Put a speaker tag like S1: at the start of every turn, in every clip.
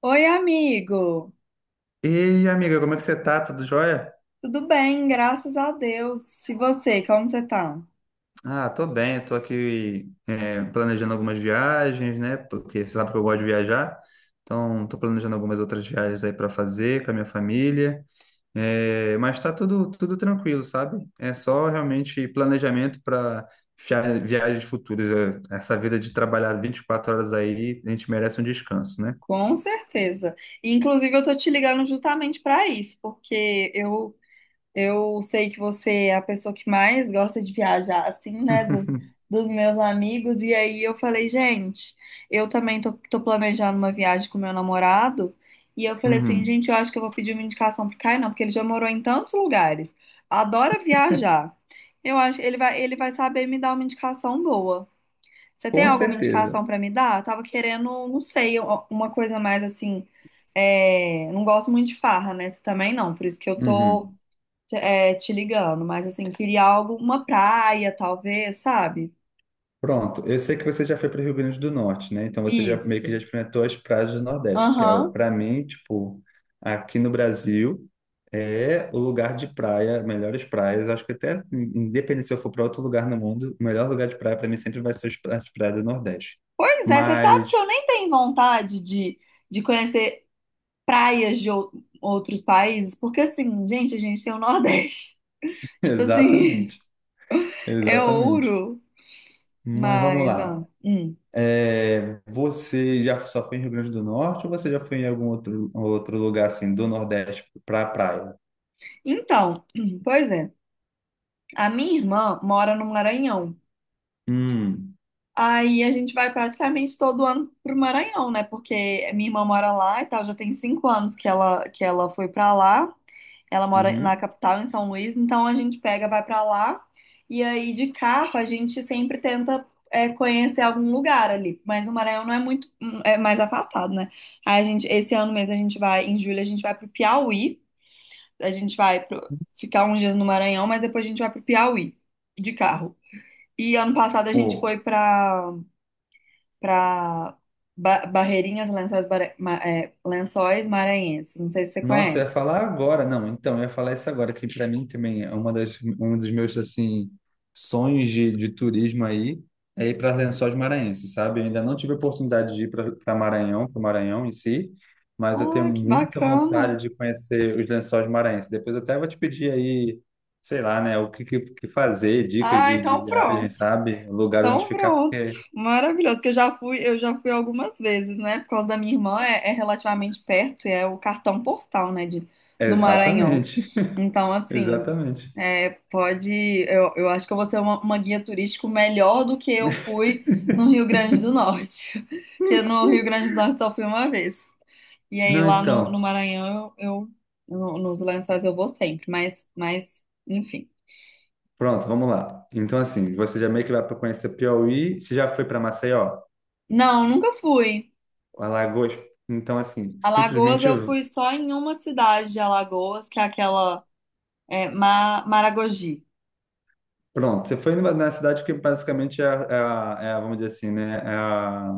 S1: Oi, amigo.
S2: E amiga, como é que você tá? Tudo jóia?
S1: Tudo bem, graças a Deus. E você, como você tá?
S2: Tô bem, tô aqui planejando algumas viagens, né? Porque você sabe que eu gosto de viajar, então tô planejando algumas outras viagens aí para fazer com a minha família. É, mas tá tudo tranquilo, sabe? É só realmente planejamento para viagens futuras. É, essa vida de trabalhar 24 horas aí, a gente merece um descanso, né?
S1: Com certeza. Inclusive, eu tô te ligando justamente para isso, porque eu sei que você é a pessoa que mais gosta de viajar, assim, né, dos meus amigos. E aí eu falei, gente, eu também tô planejando uma viagem com meu namorado. E eu falei assim,
S2: Uhum.
S1: gente, eu acho que eu vou pedir uma indicação pro Caio, não, porque ele já morou em tantos lugares, adora viajar. Eu acho que ele vai saber me dar uma indicação boa. Você tem
S2: Com
S1: alguma
S2: certeza.
S1: indicação pra me dar? Eu tava querendo, não sei, uma coisa mais assim. Não gosto muito de farra, né? Você também não, por isso que eu tô
S2: Uhum.
S1: te ligando, mas assim, queria algo, uma praia, talvez, sabe?
S2: Pronto, eu sei que você já foi para o Rio Grande do Norte, né? Então você já meio que já
S1: Isso.
S2: experimentou as praias do Nordeste, que é
S1: Aham.
S2: para mim, tipo, aqui no Brasil é o lugar de praia, melhores praias. Eu acho que até independente se eu for para outro lugar no mundo, o melhor lugar de praia para mim sempre vai ser as praias do Nordeste.
S1: Pois é, você sabe que eu
S2: Mas
S1: nem tenho vontade de conhecer praias de outros países, porque assim, gente, a gente tem o Nordeste. Tipo assim,
S2: exatamente,
S1: é
S2: exatamente.
S1: ouro.
S2: Mas vamos
S1: Mas, ah,
S2: lá.
S1: hum.
S2: É, você já só foi em Rio Grande do Norte ou você já foi em algum outro lugar assim do Nordeste para praia?
S1: Então, pois é. A minha irmã mora no Maranhão.
S2: Hum.
S1: Aí a gente vai praticamente todo ano pro Maranhão, né? Porque minha irmã mora lá e tal, já tem 5 anos que ela foi pra lá. Ela mora na
S2: Uhum.
S1: capital, em São Luís, então a gente pega, vai pra lá. E aí de carro a gente sempre tenta conhecer algum lugar ali. Mas o Maranhão não é muito, é mais afastado, né? Esse ano mesmo em julho a gente vai pro Piauí. A gente vai ficar uns dias no Maranhão, mas depois a gente vai pro Piauí de carro. E ano passado a gente
S2: Ou,
S1: foi pra para Barreirinhas, Lençóis, Bara- Ma- é, Lençóis Maranhenses. Não sei se você
S2: nossa, eu ia
S1: conhece.
S2: falar agora. Não, então, eu ia falar isso agora, que para mim também é uma das, um dos meus, assim, sonhos de turismo aí, é ir para Lençóis Maranhenses, sabe? Eu ainda não tive a oportunidade de ir para Maranhão, para o Maranhão em si, mas eu tenho
S1: Ah, que
S2: muita
S1: bacana.
S2: vontade de conhecer os Lençóis Maranhenses. Depois eu até vou te pedir aí, sei lá, né, o que fazer, dicas
S1: Ah,
S2: de
S1: então
S2: viagem,
S1: pronto.
S2: sabe? Lugares onde
S1: Então
S2: ficar,
S1: pronto.
S2: porque...
S1: Maravilhoso, que eu já fui algumas vezes, né? Por causa da minha irmã, é relativamente perto, e é o cartão postal, né,
S2: é
S1: do Maranhão.
S2: exatamente,
S1: Então, assim,
S2: exatamente.
S1: é, pode, eu acho que eu vou ser uma, guia turístico melhor do que eu fui no Rio Grande do Norte, que no Rio Grande do Norte só fui uma vez. E aí
S2: Não,
S1: lá no
S2: então...
S1: Maranhão eu no- nos Lençóis eu vou sempre, mas enfim.
S2: Pronto, vamos lá. Então, assim, você já meio que vai para conhecer Piauí, você já foi para Maceió,
S1: Não, nunca fui.
S2: Alagoas. Então, assim,
S1: Alagoas
S2: simplesmente,
S1: eu fui só em uma cidade de Alagoas, que é aquela Maragogi.
S2: pronto, você foi na cidade que basicamente vamos dizer assim, né?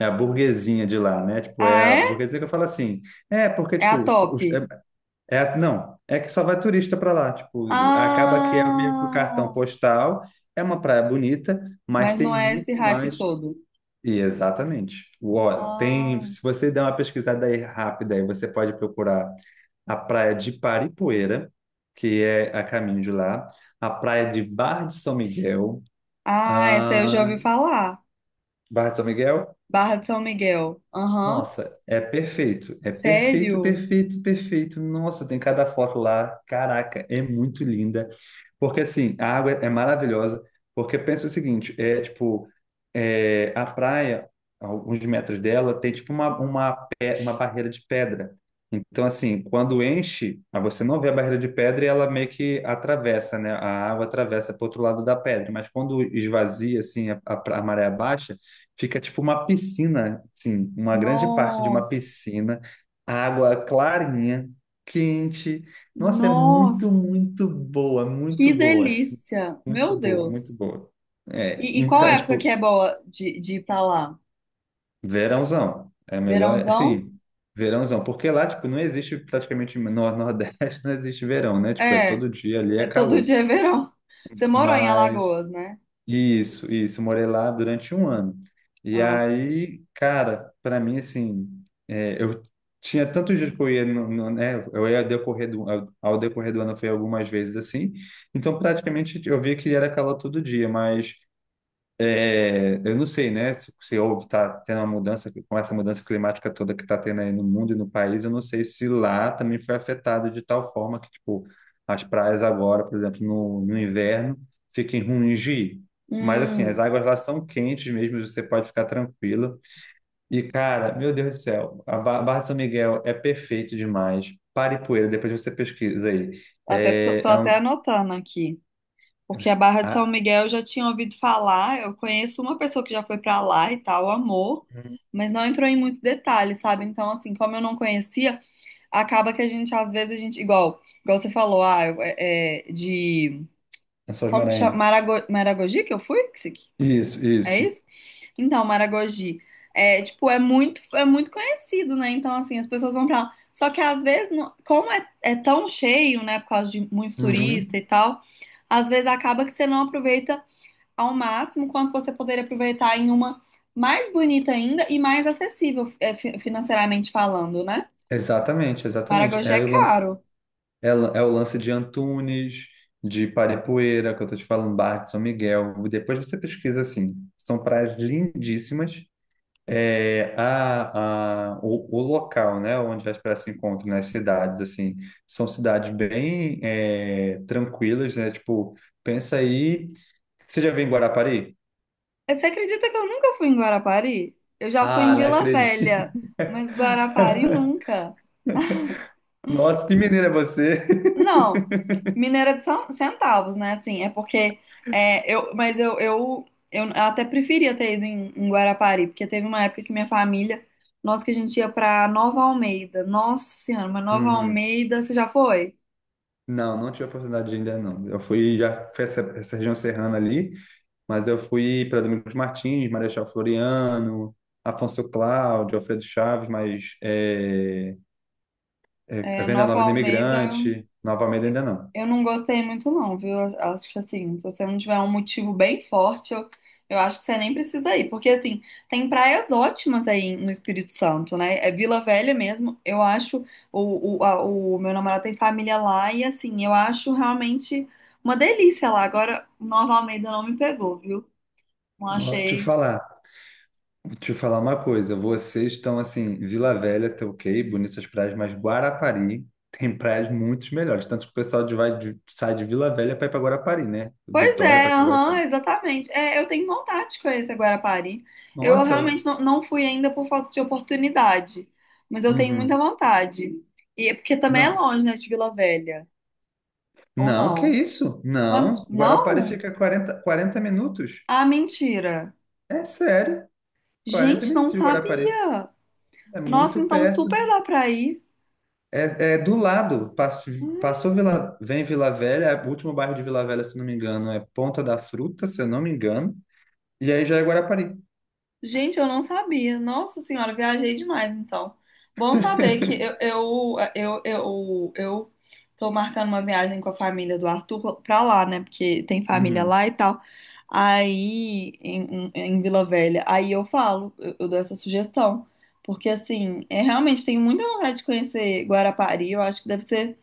S2: É a burguesinha de lá, né? Tipo,
S1: Ah,
S2: é a
S1: é?
S2: burguesia que eu falo assim. É, porque,
S1: É a
S2: tipo,
S1: top.
S2: não, é que só vai turista para lá. Tipo, acaba que é meio que o cartão
S1: Ah,
S2: postal, é uma praia bonita, mas
S1: mas não
S2: tem
S1: é esse
S2: muito
S1: hype
S2: mais.
S1: todo.
S2: E exatamente. Ó, tem,
S1: Ah,
S2: se você der uma pesquisada aí rápida, aí você pode procurar a praia de Paripoeira, que é a caminho de lá, a praia de Barra de São Miguel.
S1: ah, essa eu já
S2: Ah,
S1: ouvi falar.
S2: Barra de São Miguel?
S1: Barra de São Miguel. Aham.
S2: Nossa, é perfeito. É perfeito,
S1: Sério?
S2: perfeito, perfeito. Nossa, tem cada foto lá. Caraca, é muito linda. Porque assim, a água é maravilhosa, porque pensa o seguinte, é tipo, é, a praia, a alguns metros dela, tem tipo uma barreira de pedra. Então, assim, quando enche, aí você não vê a barreira de pedra e ela meio que atravessa, né? A água atravessa para o outro lado da pedra, mas quando esvazia, assim, a maré baixa, fica tipo uma piscina, assim, uma grande parte de uma
S1: Nossa.
S2: piscina, água clarinha, quente, nossa, é muito,
S1: Nossa.
S2: muito boa,
S1: Que
S2: muito boa assim.
S1: delícia!
S2: Muito
S1: Meu
S2: boa,
S1: Deus!
S2: muito boa. É,
S1: E qual
S2: então,
S1: época que
S2: tipo,
S1: é boa de ir pra lá?
S2: verãozão. É melhor,
S1: Verãozão?
S2: assim, verãozão. Porque lá, tipo, não existe praticamente no Nordeste, não existe verão, né? Tipo, é
S1: É,
S2: todo dia ali, é
S1: é todo
S2: calor.
S1: dia é verão. Você morou em
S2: Mas
S1: Alagoas, né?
S2: isso, isso. Morei lá durante um ano. E
S1: Ah, tá.
S2: aí, cara, para mim, assim, é, eu tinha tantos dias que eu ia, né? Eu ia ao decorrer do ano, foi algumas vezes assim. Então, praticamente, eu via que era calor todo dia, mas é, eu não sei, né? Se houve, tá tendo uma mudança, com essa mudança climática toda que tá tendo aí no mundo e no país, eu não sei se lá também foi afetado de tal forma que, tipo, as praias agora, por exemplo, no inverno, fiquem ruins de ir. Mas, assim, as
S1: Hum,
S2: águas lá são quentes mesmo, você pode ficar tranquilo. E, cara, meu Deus do céu, a Barra de São Miguel é perfeito demais. Paripoeira, depois você pesquisa aí.
S1: até, tô,
S2: É,
S1: tô
S2: é
S1: até
S2: um...
S1: anotando aqui. Porque a Barra de São
S2: Ah,
S1: Miguel eu já tinha ouvido falar. Eu conheço uma pessoa que já foi pra lá e tal, amor, mas não entrou em muitos detalhes, sabe? Então, assim, como eu não conhecia, acaba que a gente, às vezes, a gente, igual você falou, ah, eu- é, é, de.
S2: Lençóis
S1: Como que chama?
S2: Maranhenses.
S1: Maragogi que eu fui? Que isso aqui-
S2: Isso,
S1: É
S2: isso.
S1: isso? Então, Maragogi. É, tipo, é muito conhecido, né? Então, assim, as pessoas vão pra lá. Só que às vezes, como é tão cheio, né? Por causa de muitos turistas e
S2: Uhum.
S1: tal, às vezes acaba que você não aproveita ao máximo, quanto você poderia aproveitar em uma mais bonita ainda e mais acessível, financeiramente falando, né?
S2: Exatamente, exatamente.
S1: Maragogi
S2: É
S1: é
S2: o lance,
S1: caro.
S2: é o lance de Antunes, de Paripoeira, que eu tô te falando, Barra de São Miguel. Depois você pesquisa assim. São praias lindíssimas. É, o local, né, onde as praias se encontram, nas cidades, assim, são cidades bem é, tranquilas, né? Tipo, pensa aí. Você já veio em Guarapari?
S1: Você acredita que eu nunca fui em Guarapari? Eu já fui
S2: Ah,
S1: em
S2: não
S1: Vila
S2: acredito.
S1: Velha, mas Guarapari nunca.
S2: Nossa, que mineiro é você!
S1: Não, Mineira de centavos, né? Assim, é porque é, eu, mas eu até preferia ter ido em Guarapari, porque teve uma época que minha família, nossa, que a gente ia pra Nova Almeida. Nossa Senhora, mas Nova Almeida, você já foi?
S2: Não, não tive a oportunidade de ainda não. Eu fui, já fui essa, essa região serrana ali, mas eu fui para Domingos Martins, Marechal Floriano, Afonso Cláudio, Alfredo Chaves, mas a
S1: É,
S2: Venda
S1: Nova
S2: Nova do
S1: Almeida.
S2: Imigrante, Nova Almeida ainda não.
S1: Eu não gostei muito, não, viu? Eu acho que assim, se você não tiver um motivo bem forte, eu acho que você nem precisa ir. Porque, assim, tem praias ótimas aí no Espírito Santo, né? É Vila Velha mesmo. Eu acho. O meu namorado tem família lá e, assim, eu acho realmente uma delícia lá. Agora, Nova Almeida não me pegou, viu? Não
S2: Ó,
S1: achei.
S2: te falar uma coisa, vocês estão assim, Vila Velha, tá ok, bonitas praias, mas Guarapari tem praias muito melhores, tanto que o pessoal sai de Vila Velha para ir para Guarapari, né?
S1: Pois
S2: Vitória para
S1: é,
S2: ir para
S1: aham,
S2: Guarapari.
S1: exatamente. É, eu tenho vontade de conhecer Guarapari. Eu
S2: Nossa,
S1: realmente não fui ainda por falta de oportunidade, mas eu tenho muita
S2: uhum.
S1: vontade. E é porque também é
S2: Não,
S1: longe, né, de Vila Velha, ou
S2: não, que
S1: não?
S2: isso?
S1: Quanto?
S2: Não. Guarapari
S1: Não?
S2: fica 40, 40 minutos.
S1: Ah, mentira.
S2: É sério, quarenta
S1: Gente,
S2: minutos
S1: não
S2: de Guarapari.
S1: sabia.
S2: É
S1: Nossa,
S2: muito
S1: então
S2: perto.
S1: super dá pra ir.
S2: É, é do lado. Passou, vem Vila Velha, é o último bairro de Vila Velha, se não me engano, é Ponta da Fruta, se eu não me engano. E aí já é Guarapari.
S1: Gente, eu não sabia. Nossa senhora, viajei demais, então. Bom saber que eu, eu, eu, eu, eu tô marcando uma viagem com a família do Arthur pra lá, né? Porque tem família lá
S2: Uhum.
S1: e tal. Aí, em, em Vila Velha. Aí eu falo, eu dou essa sugestão. Porque, assim, é, realmente tenho muita vontade de conhecer Guarapari. Eu acho que deve ser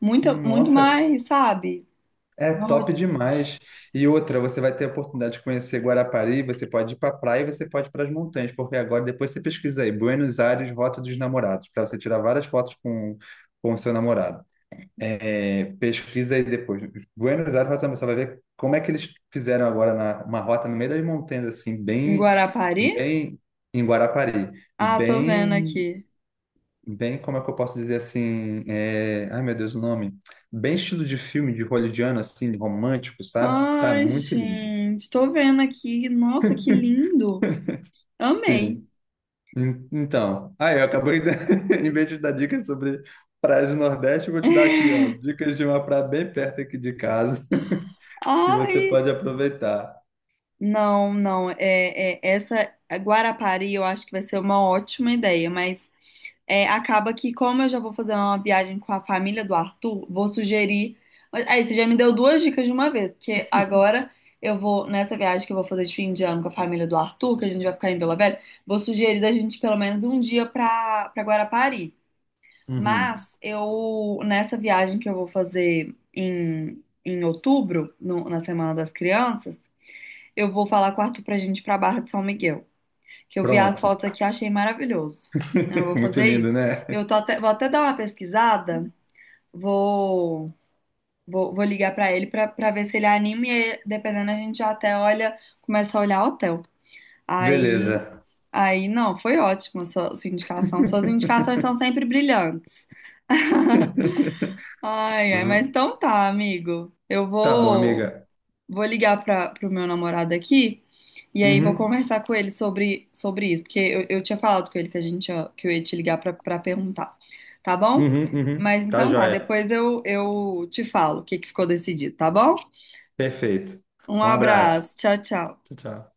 S1: muito, muito
S2: Nossa,
S1: mais, sabe?
S2: é
S1: Uma
S2: top
S1: ro-
S2: demais. E outra, você vai ter a oportunidade de conhecer Guarapari, você pode ir para a praia e você pode ir para as montanhas, porque agora depois você pesquisa aí, Buenos Aires, Rota dos Namorados, para você tirar várias fotos com o seu namorado. É, pesquisa aí depois. Buenos Aires, Rota dos Namorados, você vai ver como é que eles fizeram agora na, uma rota no meio das montanhas, assim,
S1: Em
S2: bem,
S1: Guarapari?
S2: bem em Guarapari,
S1: Ah, tô vendo
S2: bem
S1: aqui.
S2: como é que eu posso dizer assim? É, ai, meu Deus, o nome. Bem estilo de filme de hollywoodiano, assim, romântico, sabe? Tá
S1: Ai,
S2: muito lindo.
S1: gente, tô vendo aqui. Nossa, que lindo. Amei.
S2: Sim. Então, aí eu acabei, de... em vez de dar dicas sobre praias do Nordeste, eu vou te dar aqui, ó, dicas de uma praia bem perto aqui de casa, que você
S1: Ai.
S2: pode aproveitar.
S1: Não, não. Essa Guarapari eu acho que vai ser uma ótima ideia, mas acaba que, como eu já vou fazer uma viagem com a família do Arthur, vou sugerir. Mas, aí, você já me deu duas dicas de uma vez, porque agora eu vou, nessa viagem que eu vou fazer de fim de ano com a família do Arthur, que a gente vai ficar em Vila Velha, vou sugerir da gente pelo menos um dia pra, pra Guarapari.
S2: Uhum.
S1: Mas eu, nessa viagem que eu vou fazer em, em outubro, na Semana das Crianças, eu vou falar com o Arthur pra gente ir pra Barra de São Miguel, que eu vi as
S2: Pronto.
S1: fotos aqui e achei maravilhoso. Então, eu vou
S2: Muito
S1: fazer
S2: lindo,
S1: isso.
S2: né?
S1: Eu tô até, vou até dar uma pesquisada, vou, vou ligar pra ele pra ver se ele anima e aí, dependendo a gente já até olha, começa a olhar hotel. Aí,
S2: Beleza.
S1: aí não, foi ótimo a sua indicação. Suas indicações são sempre brilhantes. Ai, ai, mas então tá, amigo. Eu
S2: Tá bom,
S1: vou,
S2: amiga.
S1: vou ligar para o meu namorado aqui e aí vou
S2: Uhum,
S1: conversar com ele sobre isso, porque eu tinha falado com ele que a gente ia- que eu ia te ligar para perguntar, tá bom?
S2: uhum, uhum.
S1: Mas
S2: Tá
S1: então tá,
S2: joia.
S1: depois eu te falo o que que ficou decidido, tá bom?
S2: Perfeito.
S1: Um
S2: Um abraço.
S1: abraço, tchau, tchau.
S2: Tchau, tchau.